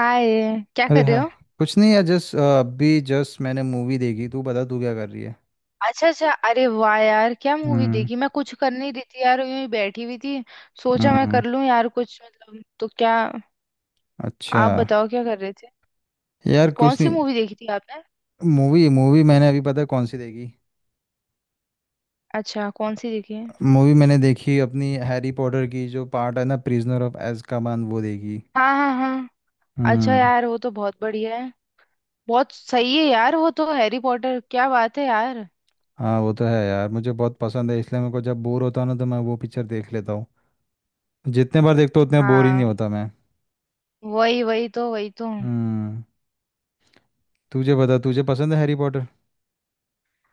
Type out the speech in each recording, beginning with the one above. हाय। क्या अरे कर रहे हाय। हो? कुछ नहीं यार, जस्ट अभी जस्ट मैंने मूवी देखी। तू बता, तू क्या कर रही है। अच्छा अच्छा, अरे वाह यार, क्या मूवी हम्म। देखी? मैं कुछ कर नहीं रही थी यार, यूं ही बैठी हुई थी। सोचा मैं हम्म, कर लूं यार कुछ, मतलब तो क्या। अच्छा। आप बताओ क्या कर रहे थे? यार कौन कुछ सी नहीं। मूवी देखी थी आपने? मूवी मूवी मैंने अभी, पता है कौन सी देखी। अच्छा, कौन सी देखी है? मूवी मैंने देखी अपनी हैरी पॉटर की जो पार्ट है ना, प्रिजनर ऑफ अज़्काबान, वो देखी। हाँ हाँ हाँ। अच्छा हम्म। यार, वो तो बहुत बढ़िया है। बहुत सही है यार वो तो, हैरी पॉटर क्या बात है यार। हाँ वो तो है यार, मुझे बहुत पसंद है, इसलिए मेरे को जब बोर होता हूँ ना तो मैं वो पिक्चर देख लेता हूँ। जितने बार देखता हूँ उतने बोर ही नहीं हाँ होता मैं। वही वही तो हम्म। तुझे बता, तुझे पसंद है हैरी पॉटर।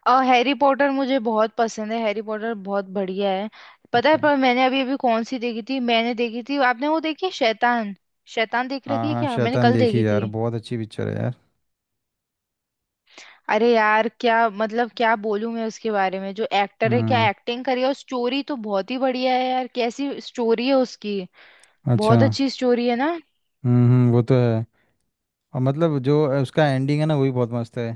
और हैरी पॉटर मुझे बहुत पसंद है, हैरी पॉटर बहुत बढ़िया है। पता है, अच्छा। पर मैंने अभी अभी कौन सी देखी थी? मैंने देखी थी, आपने वो देखी है शैतान? शैतान देख हाँ रखी है हाँ, क्या? मैंने शैतान कल देखी देखी थी। यार, बहुत अच्छी पिक्चर है यार। अरे यार क्या, मतलब क्या बोलूं मैं उसके बारे में, जो एक्टर है क्या हम्म। एक्टिंग करी है, और स्टोरी तो बहुत ही बढ़िया है यार, कैसी स्टोरी है उसकी। अच्छा। बहुत अच्छी स्टोरी है ना। वो तो है। और मतलब जो उसका एंडिंग है ना, वही बहुत मस्त है।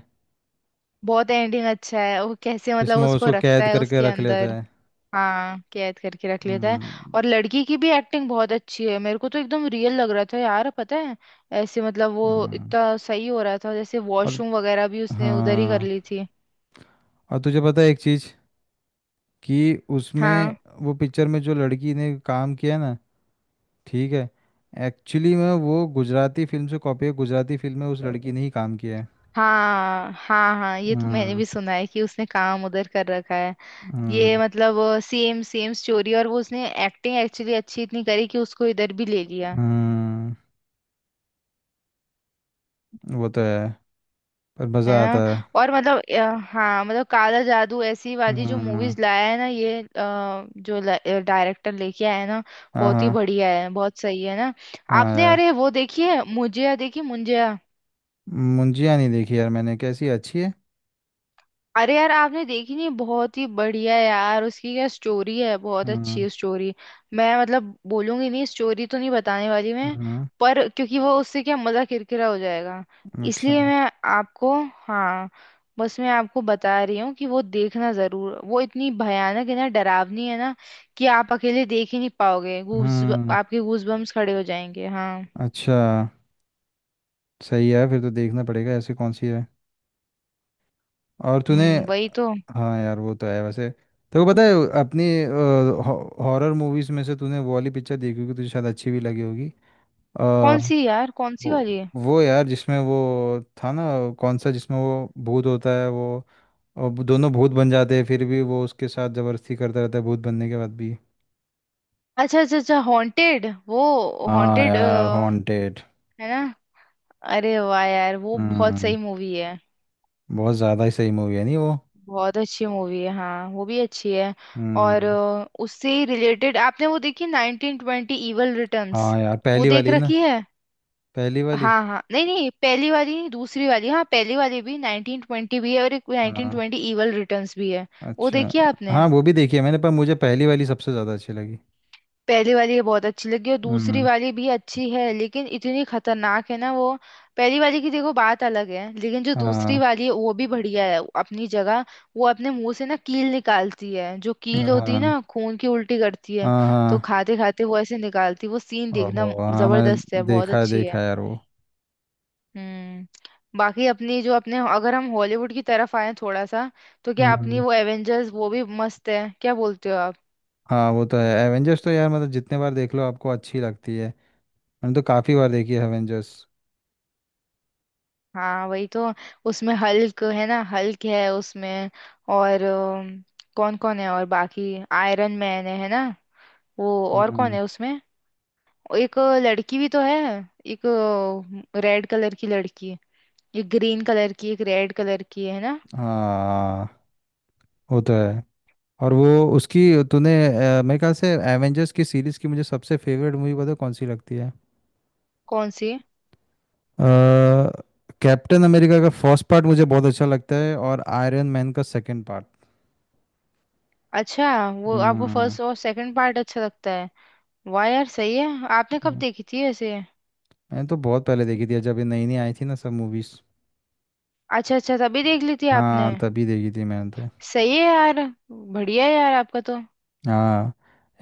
बहुत एंडिंग अच्छा है, वो कैसे मतलब जिसमें वो उसको उसको रखता कैद है करके उसके रख अंदर। लेता है। हाँ कैद करके रख लेता है। हम्म। और लड़की की भी एक्टिंग बहुत अच्छी है, मेरे को तो एकदम रियल लग रहा था यार, पता है। ऐसे मतलब वो, हम्म, इतना सही हो रहा था, जैसे और। वॉशरूम वगैरह भी उसने उधर ही कर हाँ, ली थी। और तुझे पता है एक चीज़ कि उसमें, हाँ वो पिक्चर में जो लड़की ने काम किया ना, ठीक है, एक्चुअली में वो गुजराती फिल्म से कॉपी है। गुजराती फिल्म में उस लड़की ने ही काम किया है। हाँ हाँ। हाँ ये तो मैंने हम्म। भी सुना है कि उसने काम उधर कर रखा है। ये हम्म। मतलब सेम सेम स्टोरी, और वो उसने एक्टिंग एक्चुअली अच्छी इतनी करी कि उसको इधर भी ले लिया। हम्म, वो तो है, पर है मज़ा आता ना। है। और मतलब हाँ मतलब काला जादू ऐसी वाली जो हम्म। मूवीज लाया है ना ये, जो डायरेक्टर लेके आया है ना, हाँ। बहुत ही हाँ बढ़िया है, बहुत सही है ना। हाँ आपने यार, अरे वो देखी है, मुझे देखी मुंजिया। मुंजिया नहीं देखी यार मैंने। कैसी है? अच्छी है? अरे यार आपने देखी नहीं, बहुत ही बढ़िया यार, उसकी क्या स्टोरी है बहुत हम्म। अच्छी स्टोरी। मैं मतलब बोलूंगी नहीं, स्टोरी तो नहीं बताने वाली मैं। हम्म। पर क्योंकि वो उससे क्या मजा किरकिरा हो जाएगा, अच्छा। इसलिए मैं आपको, हाँ, बस मैं आपको बता रही हूँ कि वो देखना जरूर, वो इतनी भयानक है ना, डरावनी है ना, कि आप अकेले देख ही नहीं पाओगे। गूज, हम्म। आपके गूज बम्स खड़े हो जाएंगे, हाँ। अच्छा, सही है, फिर तो देखना पड़ेगा। ऐसी कौन सी है। और तूने, वही तो। हाँ यार वो तो है। वैसे तेरे को पता है अपनी हॉरर मूवीज में से तूने वो वाली पिक्चर देखी होगी, तुझे शायद अच्छी भी लगी होगी। अ, कौन सी यार, कौन सी वो वाली है? वो यार जिसमें वो था ना, कौन सा, जिसमें वो भूत होता है वो। और वो दोनों भूत बन जाते हैं फिर भी वो उसके साथ जबरदस्ती करता रहता है, भूत बनने के बाद भी। अच्छा अच्छा अच्छा, हॉन्टेड, वो हाँ हॉन्टेड यार, है हॉन्टेड। ना। अरे वाह यार वो बहुत सही हम्म। मूवी है। बहुत ज्यादा ही सही मूवी है, नहीं वो। बहुत अच्छी मूवी है हाँ, वो भी अच्छी है। और हम्म। उससे ही रिलेटेड आपने वो देखी 1920 इवल रिटर्न्स? हाँ यार, वो पहली देख वाली ना। रखी है? पहली वाली। हाँ हाँ नहीं नहीं, पहली वाली नहीं दूसरी वाली। हाँ पहली वाली भी 1920 भी है और एक नाइनटीन हाँ। ट्वेंटी इवल रिटर्न्स भी है। वो अच्छा। देखी है आपने? हाँ वो भी देखी है मैंने, पर मुझे पहली वाली सबसे ज्यादा अच्छी लगी। पहली वाली ये बहुत अच्छी लगी और दूसरी हम्म। वाली भी अच्छी है, लेकिन इतनी खतरनाक है ना वो। पहली वाली की देखो बात अलग है, लेकिन जो दूसरी हाँ वाली है वो भी बढ़िया है अपनी जगह। वो अपने मुंह से ना कील निकालती है, जो कील होती है हाँ। ना, खून की उल्टी करती है। हाँ। तो हाँ, खाते खाते वो ऐसे निकालती है। वो सीन ओहो देखना, हाँ, जबरदस्त है, मैंने बहुत देखा है, अच्छी देखा है। है यार वो। हम्म। बाकी अपनी जो, अपने अगर हम हॉलीवुड की तरफ आए थोड़ा सा, तो क्या अपनी हम्म। वो एवेंजर्स, वो भी मस्त है, क्या बोलते हो? हाँ वो तो है एवेंजर्स तो। यार मतलब जितने बार देख लो आपको अच्छी लगती है। मैंने तो काफी बार देखी है एवेंजर्स। हाँ वही तो। उसमें हल्क है ना, हल्क है उसमें। और कौन कौन है और बाकी, आयरन मैन है ना वो। और कौन हम्म। है उसमें? एक लड़की भी तो है, एक रेड कलर की लड़की, एक ग्रीन कलर की एक रेड कलर की है ना। हाँ वो तो है। और वो उसकी, तूने, मेरे ख्याल से एवेंजर्स की सीरीज की मुझे सबसे फेवरेट मूवी, पता है कौन सी लगती है। कौन सी? कैप्टन अमेरिका का फर्स्ट पार्ट मुझे बहुत अच्छा लगता है, और आयरन मैन का सेकंड पार्ट। अच्छा वो आपको हम्म। फर्स्ट और सेकंड पार्ट अच्छा लगता है। वाह यार सही है। आपने कब हम्म। देखी थी ऐसे? मैंने तो बहुत पहले देखी थी जब ये नई नई आई थी ना सब मूवीज। अच्छा अच्छा, तभी देख ली थी आपने। हाँ तभी देखी थी मैंने तो। सही है यार, बढ़िया है यार आपका तो। हाँ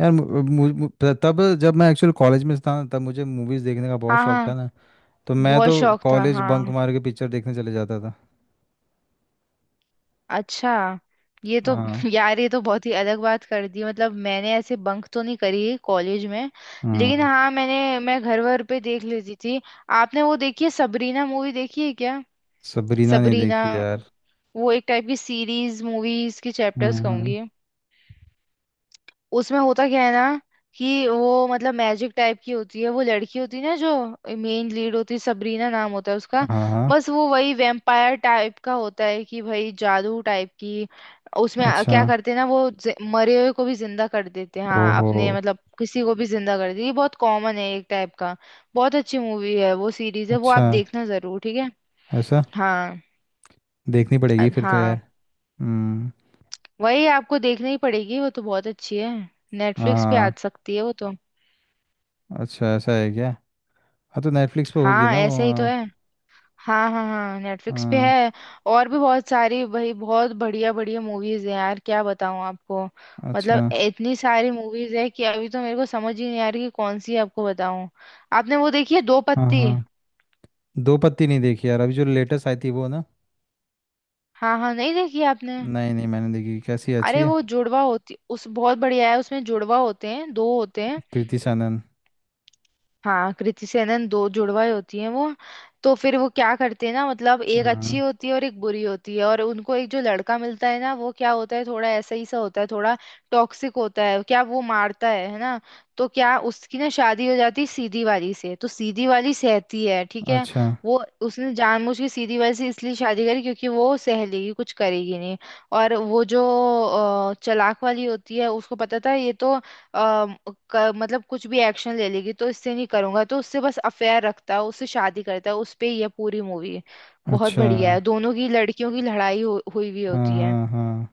यार, मु- मु- मु- त- तब जब मैं एक्चुअल कॉलेज में था ना, तब मुझे मूवीज देखने का बहुत हाँ शौक था हाँ ना। तो मैं बहुत तो शौक था कॉलेज बंक हाँ। मार के पिक्चर देखने चले जाता था। अच्छा, ये तो हाँ। यार ये तो बहुत ही अलग बात कर दी, मतलब मैंने ऐसे बंक तो नहीं करी कॉलेज में। लेकिन हम्म। हाँ मैंने, मैं घर वर पे देख लेती थी। आपने वो देखी है सबरीना मूवी, देखी है क्या? सबरीना नहीं सबरीना, देखी यार। वो एक टाइप की सीरीज, मूवीज की हाँ चैप्टर्स हाँ। कहूंगी। उसमें होता क्या है ना कि वो, मतलब मैजिक टाइप की होती है, वो लड़की होती है ना जो मेन लीड होती है, सबरीना नाम होता है उसका। हाँ हाँ, बस वो वही वेम्पायर टाइप का होता है कि भाई, जादू टाइप की, उसमें अच्छा। क्या करते हैं ना वो, मरे हुए को भी जिंदा कर देते हैं, हाँ ओहो। अपने मतलब किसी को भी जिंदा कर देते हैं। ये बहुत कॉमन है एक टाइप का। बहुत अच्छी मूवी है, वो सीरीज है वो, अच्छा आप देखना जरूर, ठीक है? ऐसा। हाँ देखनी पड़ेगी फिर तो हाँ, यार। हम्म। वही आपको देखना ही पड़ेगी, वो तो बहुत अच्छी है। नेटफ्लिक्स पे आ हाँ। सकती है वो तो। हाँ, अच्छा ऐसा है क्या। हाँ तो नेटफ्लिक्स पे होगी हाँ ना वो, ऐसे ही तो हाँ। है। हाँ हाँ हाँ नेटफ्लिक्स पे हाँ, है। और भी बहुत सारी भाई, बहुत बढ़िया बढ़िया मूवीज है यार, क्या बताऊँ आपको। अच्छा। मतलब इतनी सारी मूवीज है कि अभी तो मेरे को समझ ही नहीं आ रही कि कौन सी आपको बताऊँ। आपने वो देखी है दो हाँ पत्ती? हाँ, दो पत्ती नहीं देखी यार, अभी जो लेटेस्ट आई थी वो ना। हाँ हाँ नहीं देखी आपने। नहीं नहीं मैंने देखी। कैसी है? अच्छी अरे, है? वो जुड़वा होती, उस बहुत बढ़िया है, उसमें जुड़वा होते हैं, दो होते हैं। कृति सानन। हाँ कृति सेनन, दो जुड़वाएं होती हैं वो। तो फिर वो क्या करते हैं ना, मतलब एक अच्छी हाँ। होती है और एक बुरी होती है, और उनको एक जो लड़का मिलता है ना, वो क्या होता है थोड़ा ऐसा ही सा होता है, थोड़ा टॉक्सिक होता है, क्या वो मारता है ना। तो क्या उसकी ना शादी हो जाती है सीधी वाली से, तो सीधी वाली सहती है ठीक है। अच्छा वो उसने जानबूझ के सीधी वाली से इसलिए शादी करी क्योंकि वो सह लेगी, कुछ करेगी नहीं। और वो जो चालाक वाली होती है उसको पता था ये तो। अम, मतलब कुछ भी एक्शन ले लेगी, तो इससे नहीं करूंगा, तो उससे बस अफेयर रखता है, उससे शादी करता है, उस पे ये पूरी मूवी। बहुत अच्छा। बढ़िया है, दोनों की लड़कियों की लड़ाई हुई हुई हाँ होती है। हाँ हाँ,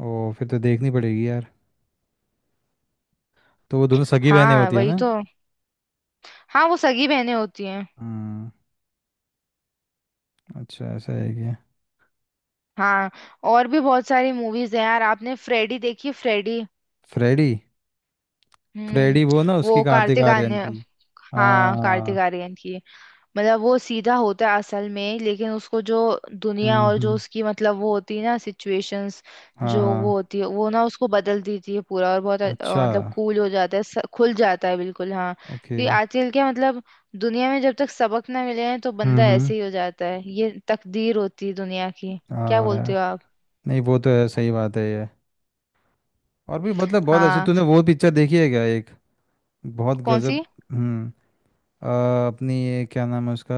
ओ फिर तो देखनी पड़ेगी यार। तो वो दोनों सगी बहनें हाँ होती है वही ना। तो। हाँ वो सगी बहनें होती हैं। हम्म। अच्छा ऐसा है क्या। हाँ, और भी बहुत सारी मूवीज हैं यार। आपने फ्रेडी देखी, फ्रेडी? फ्रेडी। हम्म। फ्रेडी, वो ना, उसकी, वो कार्तिक कार्तिक आर्यन आर्यन। की। हाँ, कार्तिक हाँ। आर्यन की, मतलब वो सीधा होता है असल में, लेकिन उसको जो दुनिया और जो हम्म। उसकी मतलब वो होती है ना सिचुएशंस, हाँ जो हाँ। वो होती है वो ना उसको बदल देती है पूरा, और बहुत अच्छा। मतलब कूल हो जाता है, खुल जाता है बिल्कुल, हाँ। ओके। क्योंकि आजकल क्या मतलब दुनिया में जब तक सबक ना मिले हैं तो बंदा हम्म। ऐसे ही हो जाता है, ये तकदीर होती है दुनिया की। क्या हाँ बोलते यार। हो आप? नहीं वो तो है, सही बात है ये। और भी मतलब बहुत अच्छी, हाँ। तूने वो पिक्चर देखी है क्या एक, बहुत कौन गजब। सी? हम्म। आ, अपनी ये क्या नाम है उसका,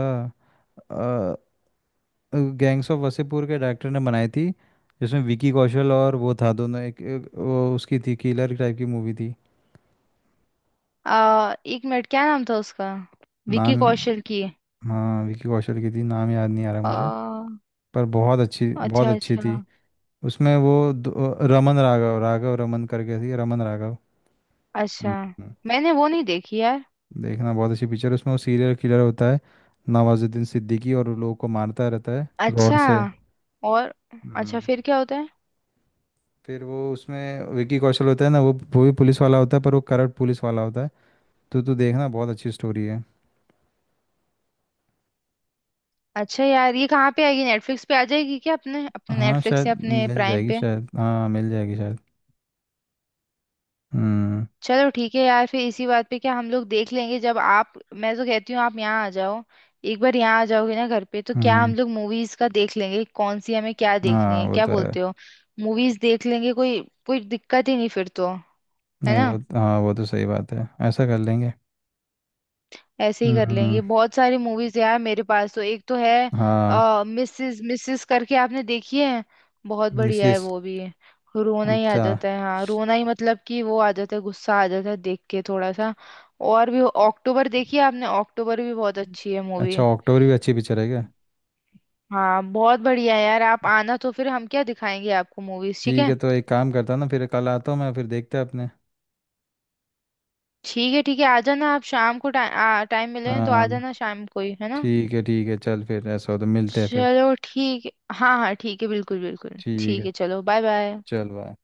गैंग्स ऑफ वसेपुर के डायरेक्टर ने बनाई थी, जिसमें विकी कौशल, और वो था दोनों, एक वो उसकी थी, किलर टाइप की मूवी थी। एक मिनट क्या नाम था उसका? विकी नाम, कौशल की। हाँ विकी कौशल की थी, नाम याद नहीं आ रहा मुझे। आ, पर बहुत अच्छी, बहुत अच्छा अच्छी थी। अच्छा उसमें वो रमन राघव, राघव रमन करके थी, रमन राघव। अच्छा। हम्म। मैंने वो नहीं देखी यार। देखना, बहुत अच्छी पिक्चर है। उसमें वो सीरियल किलर होता है, नवाजुद्दीन सिद्दीकी, और लोगों को मारता रहता है रॉड अच्छा। से। और? अच्छा हम्म, फिर क्या होता है? फिर वो, उसमें विकी कौशल होता है ना वो भी पुलिस वाला होता है पर वो करप्ट पुलिस वाला होता है। तो तू देखना, बहुत अच्छी स्टोरी है। अच्छा यार ये कहाँ पे आएगी? नेटफ्लिक्स पे आ जाएगी क्या, अपने अपने हाँ नेटफ्लिक्स शायद या अपने मिल प्राइम जाएगी पे? शायद। हाँ मिल जाएगी शायद। हम्म। चलो ठीक है यार, फिर इसी बात पे क्या, हम लोग देख लेंगे जब आप, मैं तो कहती हूँ आप यहाँ आ जाओ। एक बार यहाँ आ जाओगे ना घर पे, तो क्या हम्म। हम लोग मूवीज का देख लेंगे कौन सी हमें क्या देखनी हाँ है, वो क्या तो है। बोलते हो? मूवीज देख लेंगे, कोई कोई दिक्कत ही नहीं फिर तो। है नहीं ना, वो, हाँ वो तो सही बात है, ऐसा कर लेंगे। ऐसे ही हम्म। कर लेंगे। हम्म। बहुत सारी मूवीज यार मेरे पास तो एक तो है। हाँ। मिसेस, मिसेस करके आपने देखी है? बहुत बढ़िया है मिसेस। वो भी, रोना ही आ अच्छा, जाता है, हाँ रोना ही मतलब कि वो आ जाता है, गुस्सा आ जाता है देख के थोड़ा सा। और भी अक्टूबर देखी है आपने? अक्टूबर भी बहुत अच्छी है मूवी। अच्छा ऑक्टोबरी भी अच्छी पिक्चर है क्या। हाँ बहुत बढ़िया है यार, आप आना तो फिर हम क्या दिखाएंगे आपको मूवीज ठीक ठीक है, है? तो एक काम करता ना, फिर कल आता हूँ मैं, फिर देखते हैं अपने। ठीक है ठीक है, आ जाना आप शाम को, टाइम टाइम मिले तो हाँ। आ जाना, शाम को ही है ना। ठीक है ठीक है, चल फिर ऐसा हो तो मिलते हैं फिर। चलो ठीक है। हाँ हाँ ठीक है, बिल्कुल बिल्कुल ठीक ठीक है। है, चलो बाय बाय। चल बाय।